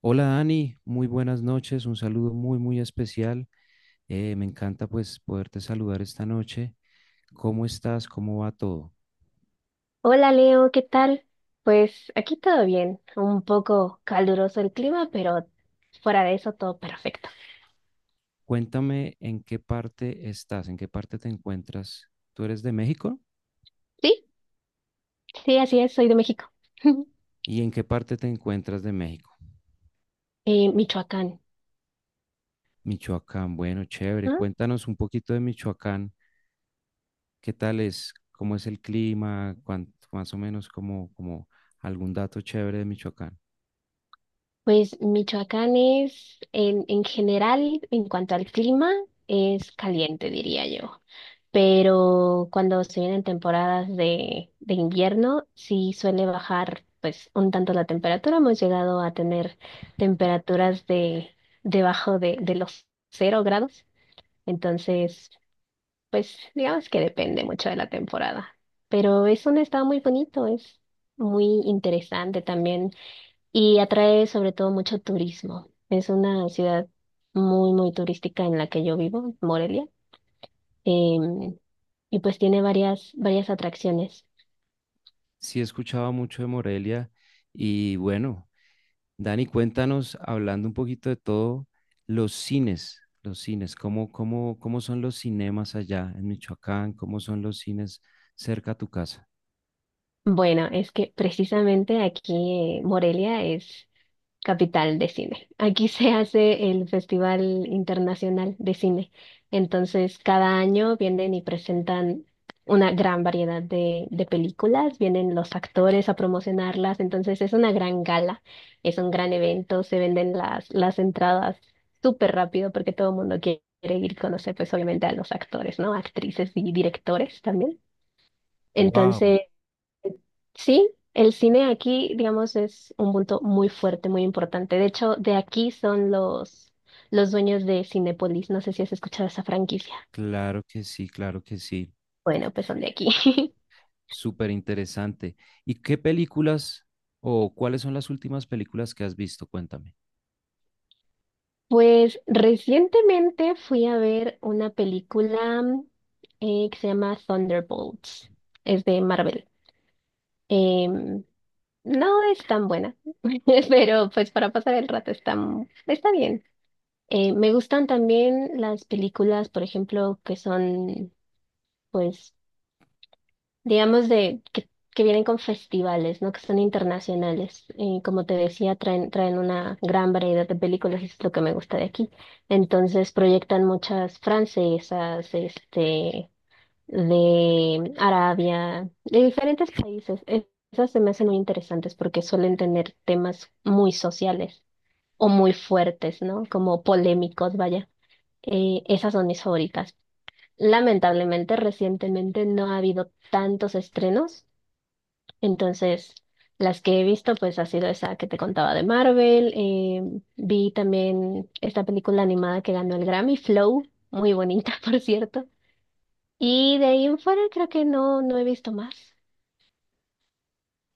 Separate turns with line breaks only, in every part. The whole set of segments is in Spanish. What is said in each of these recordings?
Hola Dani, muy buenas noches, un saludo muy muy especial. Me encanta pues poderte saludar esta noche. ¿Cómo estás? ¿Cómo va todo?
Hola Leo, ¿qué tal? Pues aquí todo bien, un poco caluroso el clima, pero fuera de eso todo perfecto.
Cuéntame en qué parte estás, en qué parte te encuentras. ¿Tú eres de México?
Sí, sí, así es, soy de México.
¿Y en qué parte te encuentras de México?
Michoacán,
Michoacán, bueno, chévere.
¿no?
Cuéntanos un poquito de Michoacán. ¿Qué tal es? ¿Cómo es el clima? Más o menos como algún dato chévere de Michoacán.
Pues Michoacán es, en general, en cuanto al clima, es caliente, diría yo. Pero cuando se vienen temporadas de invierno, sí suele bajar pues un tanto la temperatura. Hemos llegado a tener temperaturas de debajo de los cero grados. Entonces, pues digamos que depende mucho de la temporada. Pero es un estado muy bonito, es muy interesante también y atrae sobre todo mucho turismo. Es una ciudad muy, muy turística en la que yo vivo, Morelia. Em, y pues tiene varias, varias atracciones.
Sí, he escuchado mucho de Morelia y bueno. Dani, cuéntanos, hablando un poquito de todo, los cines, ¿cómo son los cinemas allá en Michoacán? ¿Cómo son los cines cerca a tu casa?
Bueno, es que precisamente aquí Morelia es capital de cine. Aquí se hace el Festival Internacional de Cine. Entonces, cada año vienen y presentan una gran variedad de películas, vienen los actores a promocionarlas, entonces es una gran gala, es un gran evento, se venden las entradas súper rápido porque todo el mundo quiere ir a conocer, pues obviamente a los actores, ¿no? Actrices y directores también.
Wow,
Entonces, sí, el cine aquí, digamos, es un punto muy fuerte, muy importante. De hecho, de aquí son los dueños de Cinépolis. No sé si has escuchado esa franquicia.
claro que sí,
Bueno, pues son de aquí.
súper interesante. ¿Y qué películas o cuáles son las últimas películas que has visto? Cuéntame.
Pues recientemente fui a ver una película que se llama Thunderbolts. Es de Marvel. Em, no es tan buena, pero pues para pasar el rato está, está bien. Me gustan también las películas, por ejemplo, que son, pues, digamos, que vienen con festivales, ¿no? Que son internacionales. Como te decía, traen, traen una gran variedad de películas, y es lo que me gusta de aquí. Entonces, proyectan muchas francesas, este, de Arabia, de diferentes países. Esas se me hacen muy interesantes porque suelen tener temas muy sociales o muy fuertes, ¿no? Como polémicos, vaya. Esas son mis favoritas. Lamentablemente, recientemente no ha habido tantos estrenos, entonces las que he visto pues ha sido esa que te contaba de Marvel. Vi también esta película animada que ganó el Grammy, Flow, muy bonita, por cierto. Y de ahí en fuera creo que no, no he visto más.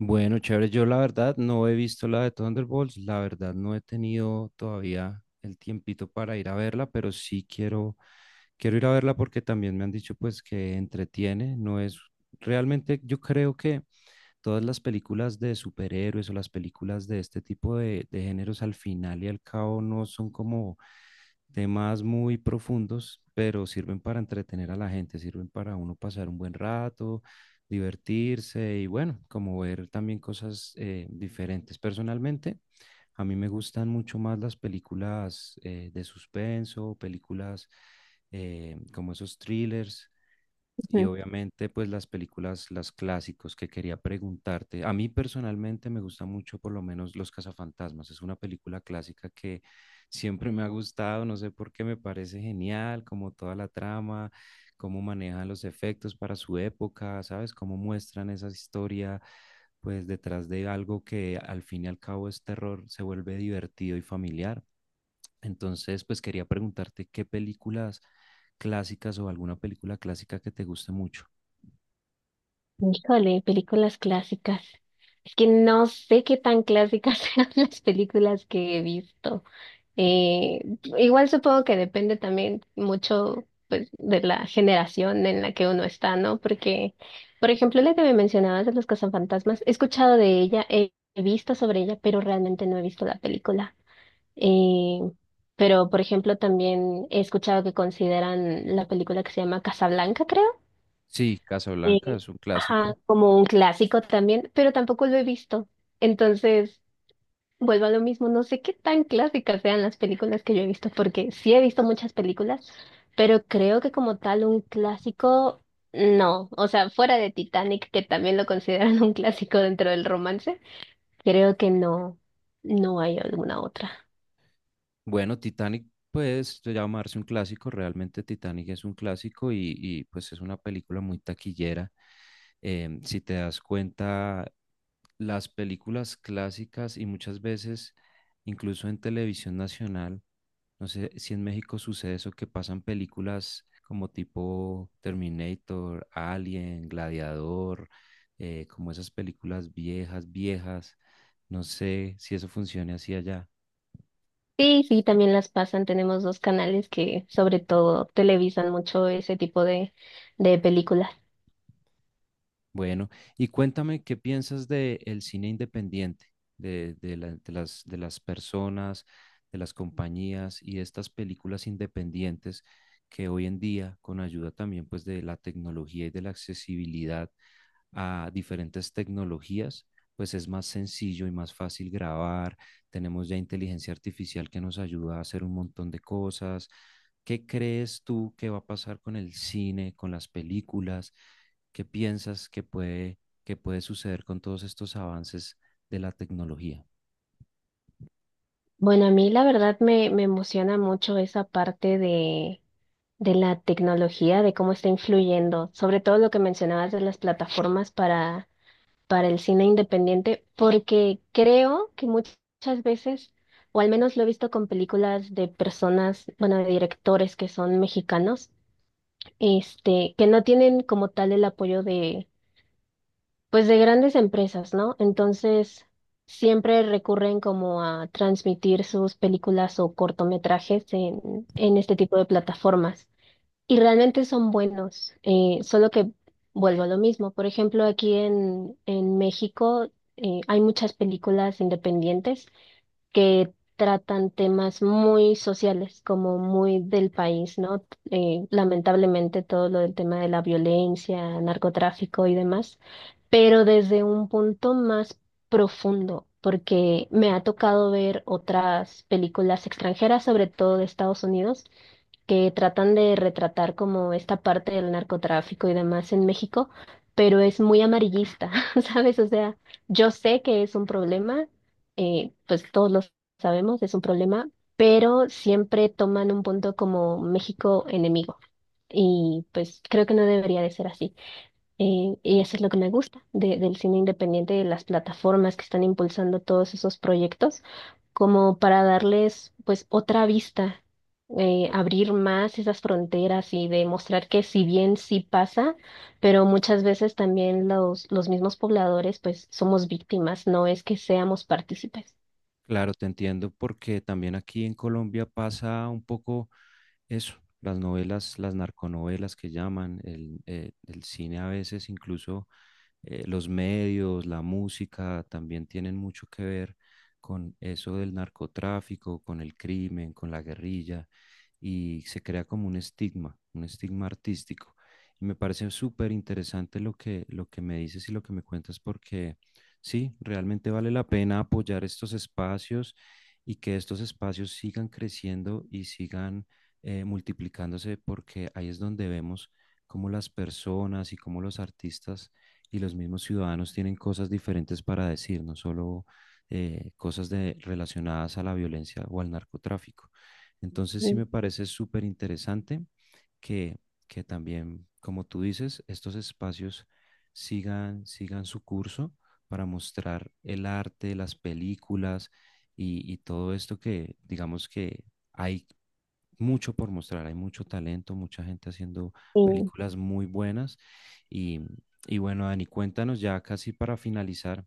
Bueno, chévere, yo la verdad no he visto la de Thunderbolts, la verdad no he tenido todavía el tiempito para ir a verla, pero sí quiero Quiero ir a verla porque también me han dicho pues que entretiene, no es realmente yo creo que todas las películas de superhéroes o las películas de este tipo de géneros al final y al cabo no son como temas muy profundos, pero sirven para entretener a la gente, sirven para uno pasar un buen rato, divertirse y bueno, como ver también cosas diferentes. Personalmente, a mí me gustan mucho más las películas de suspenso, películas como esos thrillers y obviamente, pues las películas, las clásicos que quería preguntarte. A mí personalmente me gusta mucho, por lo menos, Los Cazafantasmas. Es una película clásica que siempre me ha gustado. No sé por qué me parece genial, como toda la trama, cómo manejan los efectos para su época, ¿sabes? Cómo muestran esa historia, pues detrás de algo que al fin y al cabo es terror, se vuelve divertido y familiar. Entonces, pues quería preguntarte qué películas clásicas o alguna película clásica que te guste mucho.
Ujú. Híjole, películas clásicas. Es que no sé qué tan clásicas eran las películas que he visto. Eh, Igual supongo que depende también mucho pues, de la generación en la que uno está, ¿no? Porque, por ejemplo, la que me mencionabas de los cazafantasmas, he escuchado de ella, he visto sobre ella, pero realmente no he visto la película. Eh, pero, por ejemplo, también he escuchado que consideran la película que se llama Casablanca, creo.
Sí, Casablanca
eh,
es un
ajá,
clásico.
como un clásico también, pero tampoco lo he visto. Entonces, vuelvo a lo mismo, no sé qué tan clásicas sean las películas que yo he visto, porque sí he visto muchas películas, pero creo que como tal un clásico, no. O sea, fuera de Titanic, que también lo consideran un clásico dentro del romance, creo que no, no hay alguna otra.
Bueno, Titanic puede llamarse un clásico, realmente Titanic es un clásico y pues es una película muy taquillera. Em, si te das cuenta, las películas clásicas y muchas veces, incluso en televisión nacional, no sé si en México sucede eso, que pasan películas como tipo Terminator, Alien, Gladiador, como esas películas viejas, viejas. No sé si eso funcione así allá.
Sí, sí, también las pasan. Tenemos dos canales que sobre todo televisan mucho ese tipo de películas.
Bueno, y cuéntame qué piensas del cine independiente, de las personas, de las compañías y de estas películas independientes que hoy en día, con ayuda también pues de la tecnología y de la accesibilidad a diferentes tecnologías, pues es más sencillo y más fácil grabar. Tenemos ya inteligencia artificial que nos ayuda a hacer un montón de cosas. ¿Qué crees tú que va a pasar con el cine, con las películas? ¿Qué piensas que puede suceder con todos estos avances de la tecnología?
Bueno, a mí la verdad me, me emociona mucho esa parte de la tecnología, de cómo está influyendo, sobre todo lo que mencionabas de las plataformas para el cine independiente, porque creo que muchas veces, o al menos lo he visto con películas de personas, bueno, de directores que son mexicanos, este, que no tienen como tal el apoyo de, pues de grandes empresas, ¿no? Entonces, siempre recurren como a transmitir sus películas o cortometrajes en este tipo de plataformas. Y realmente son buenos, solo que vuelvo a lo mismo. Por ejemplo, aquí en México hay muchas películas independientes que tratan temas muy sociales, como muy del país, ¿no? Lamentablemente todo lo del tema de la violencia, narcotráfico y demás, pero desde un punto más profundo, porque me ha tocado ver otras películas extranjeras, sobre todo de Estados Unidos que tratan de retratar como esta parte del narcotráfico y demás en México, pero es muy amarillista, ¿sabes? O sea, yo sé que es un problema, pues todos lo sabemos, es un problema, pero siempre toman un punto como México enemigo y pues creo que no debería de ser así. Y eso es lo que me gusta del cine independiente, de las plataformas que están impulsando todos esos proyectos, como para darles pues otra vista, abrir más esas fronteras y demostrar que si bien sí pasa, pero muchas veces también los mismos pobladores pues somos víctimas, no es que seamos partícipes.
Claro, te entiendo, porque también aquí en Colombia pasa un poco eso, las novelas, las narconovelas que llaman, el cine a veces incluso los medios, la música también tienen mucho que ver con eso del narcotráfico, con el crimen, con la guerrilla, y se crea como un estigma artístico. Y me parece súper interesante lo que me dices y lo que me cuentas, porque sí, realmente vale la pena apoyar estos espacios y que estos espacios sigan creciendo y sigan multiplicándose, porque ahí es donde vemos cómo las personas y cómo los artistas y los mismos ciudadanos tienen cosas diferentes para decir, no solo cosas de, relacionadas a la violencia o al narcotráfico. Entonces sí
Mm,
me parece súper interesante que, que también, como tú dices, estos espacios sigan su curso para mostrar el arte, las películas y todo esto que digamos que hay mucho por mostrar, hay mucho talento, mucha gente haciendo
y,
películas muy buenas. Y, y bueno, Dani, cuéntanos ya casi para finalizar,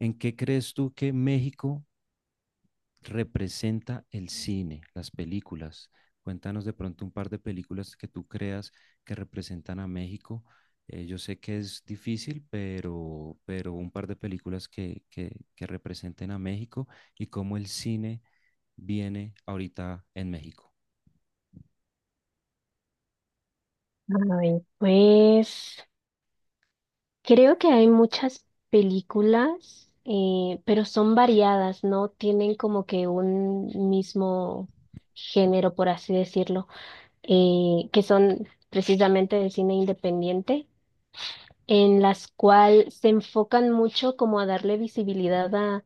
¿en qué crees tú que México representa el cine, las películas? Cuéntanos de pronto un par de películas que tú creas que representan a México. Yo sé que es difícil, pero un par de películas que representen a México y cómo el cine viene ahorita en México.
a pues creo que hay muchas películas, pero son variadas, no tienen como que un mismo género, por así decirlo, que son precisamente de cine independiente, en las cuales se enfocan mucho como a darle visibilidad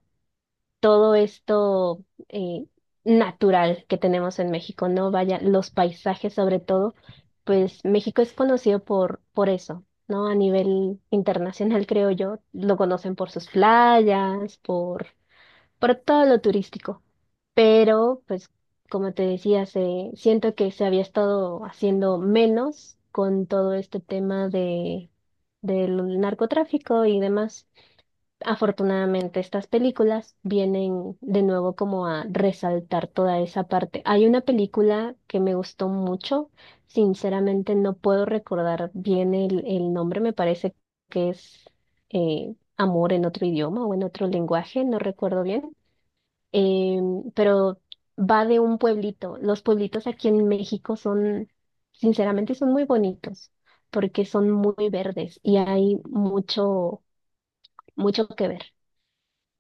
todo esto natural que tenemos en México, ¿no? Vaya, los paisajes sobre todo, pues México es conocido por eso, ¿no? A nivel internacional, creo yo, lo conocen por sus playas, por todo lo turístico. Pero, pues, como te decía, se, siento que se había estado haciendo menos con todo este tema de, del narcotráfico y demás. Afortunadamente, estas películas vienen de nuevo como a resaltar toda esa parte. Hay una película que me gustó mucho, sinceramente no puedo recordar bien el nombre, me parece que es Amor en otro idioma o en otro lenguaje, no recuerdo bien, pero va de un pueblito. Los pueblitos aquí en México son, sinceramente, son muy bonitos porque son muy verdes y hay mucho, mucho que ver.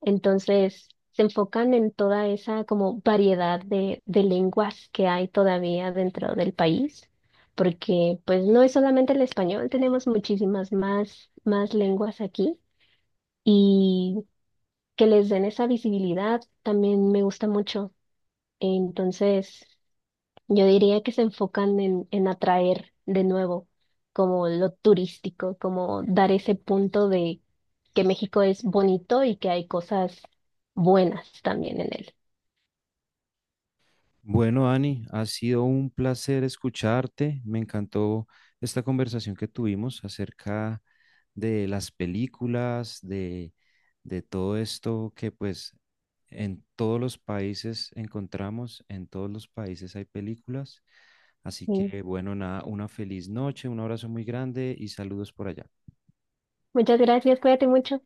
Entonces, se enfocan en toda esa como variedad de lenguas que hay todavía dentro del país, porque pues no es solamente el español, tenemos muchísimas más, más lenguas aquí y que les den esa visibilidad también me gusta mucho. Entonces, yo diría que se enfocan en atraer de nuevo como lo turístico, como dar ese punto de que México es bonito y que hay cosas buenas también en él.
Bueno, Ani, ha sido un placer escucharte. Me encantó esta conversación que tuvimos acerca de las películas, de todo esto que pues en todos los países encontramos, en todos los países hay películas. Así
Mm.
que bueno, nada, una feliz noche, un abrazo muy grande y saludos por allá.
Muchas gracias, cuídate mucho.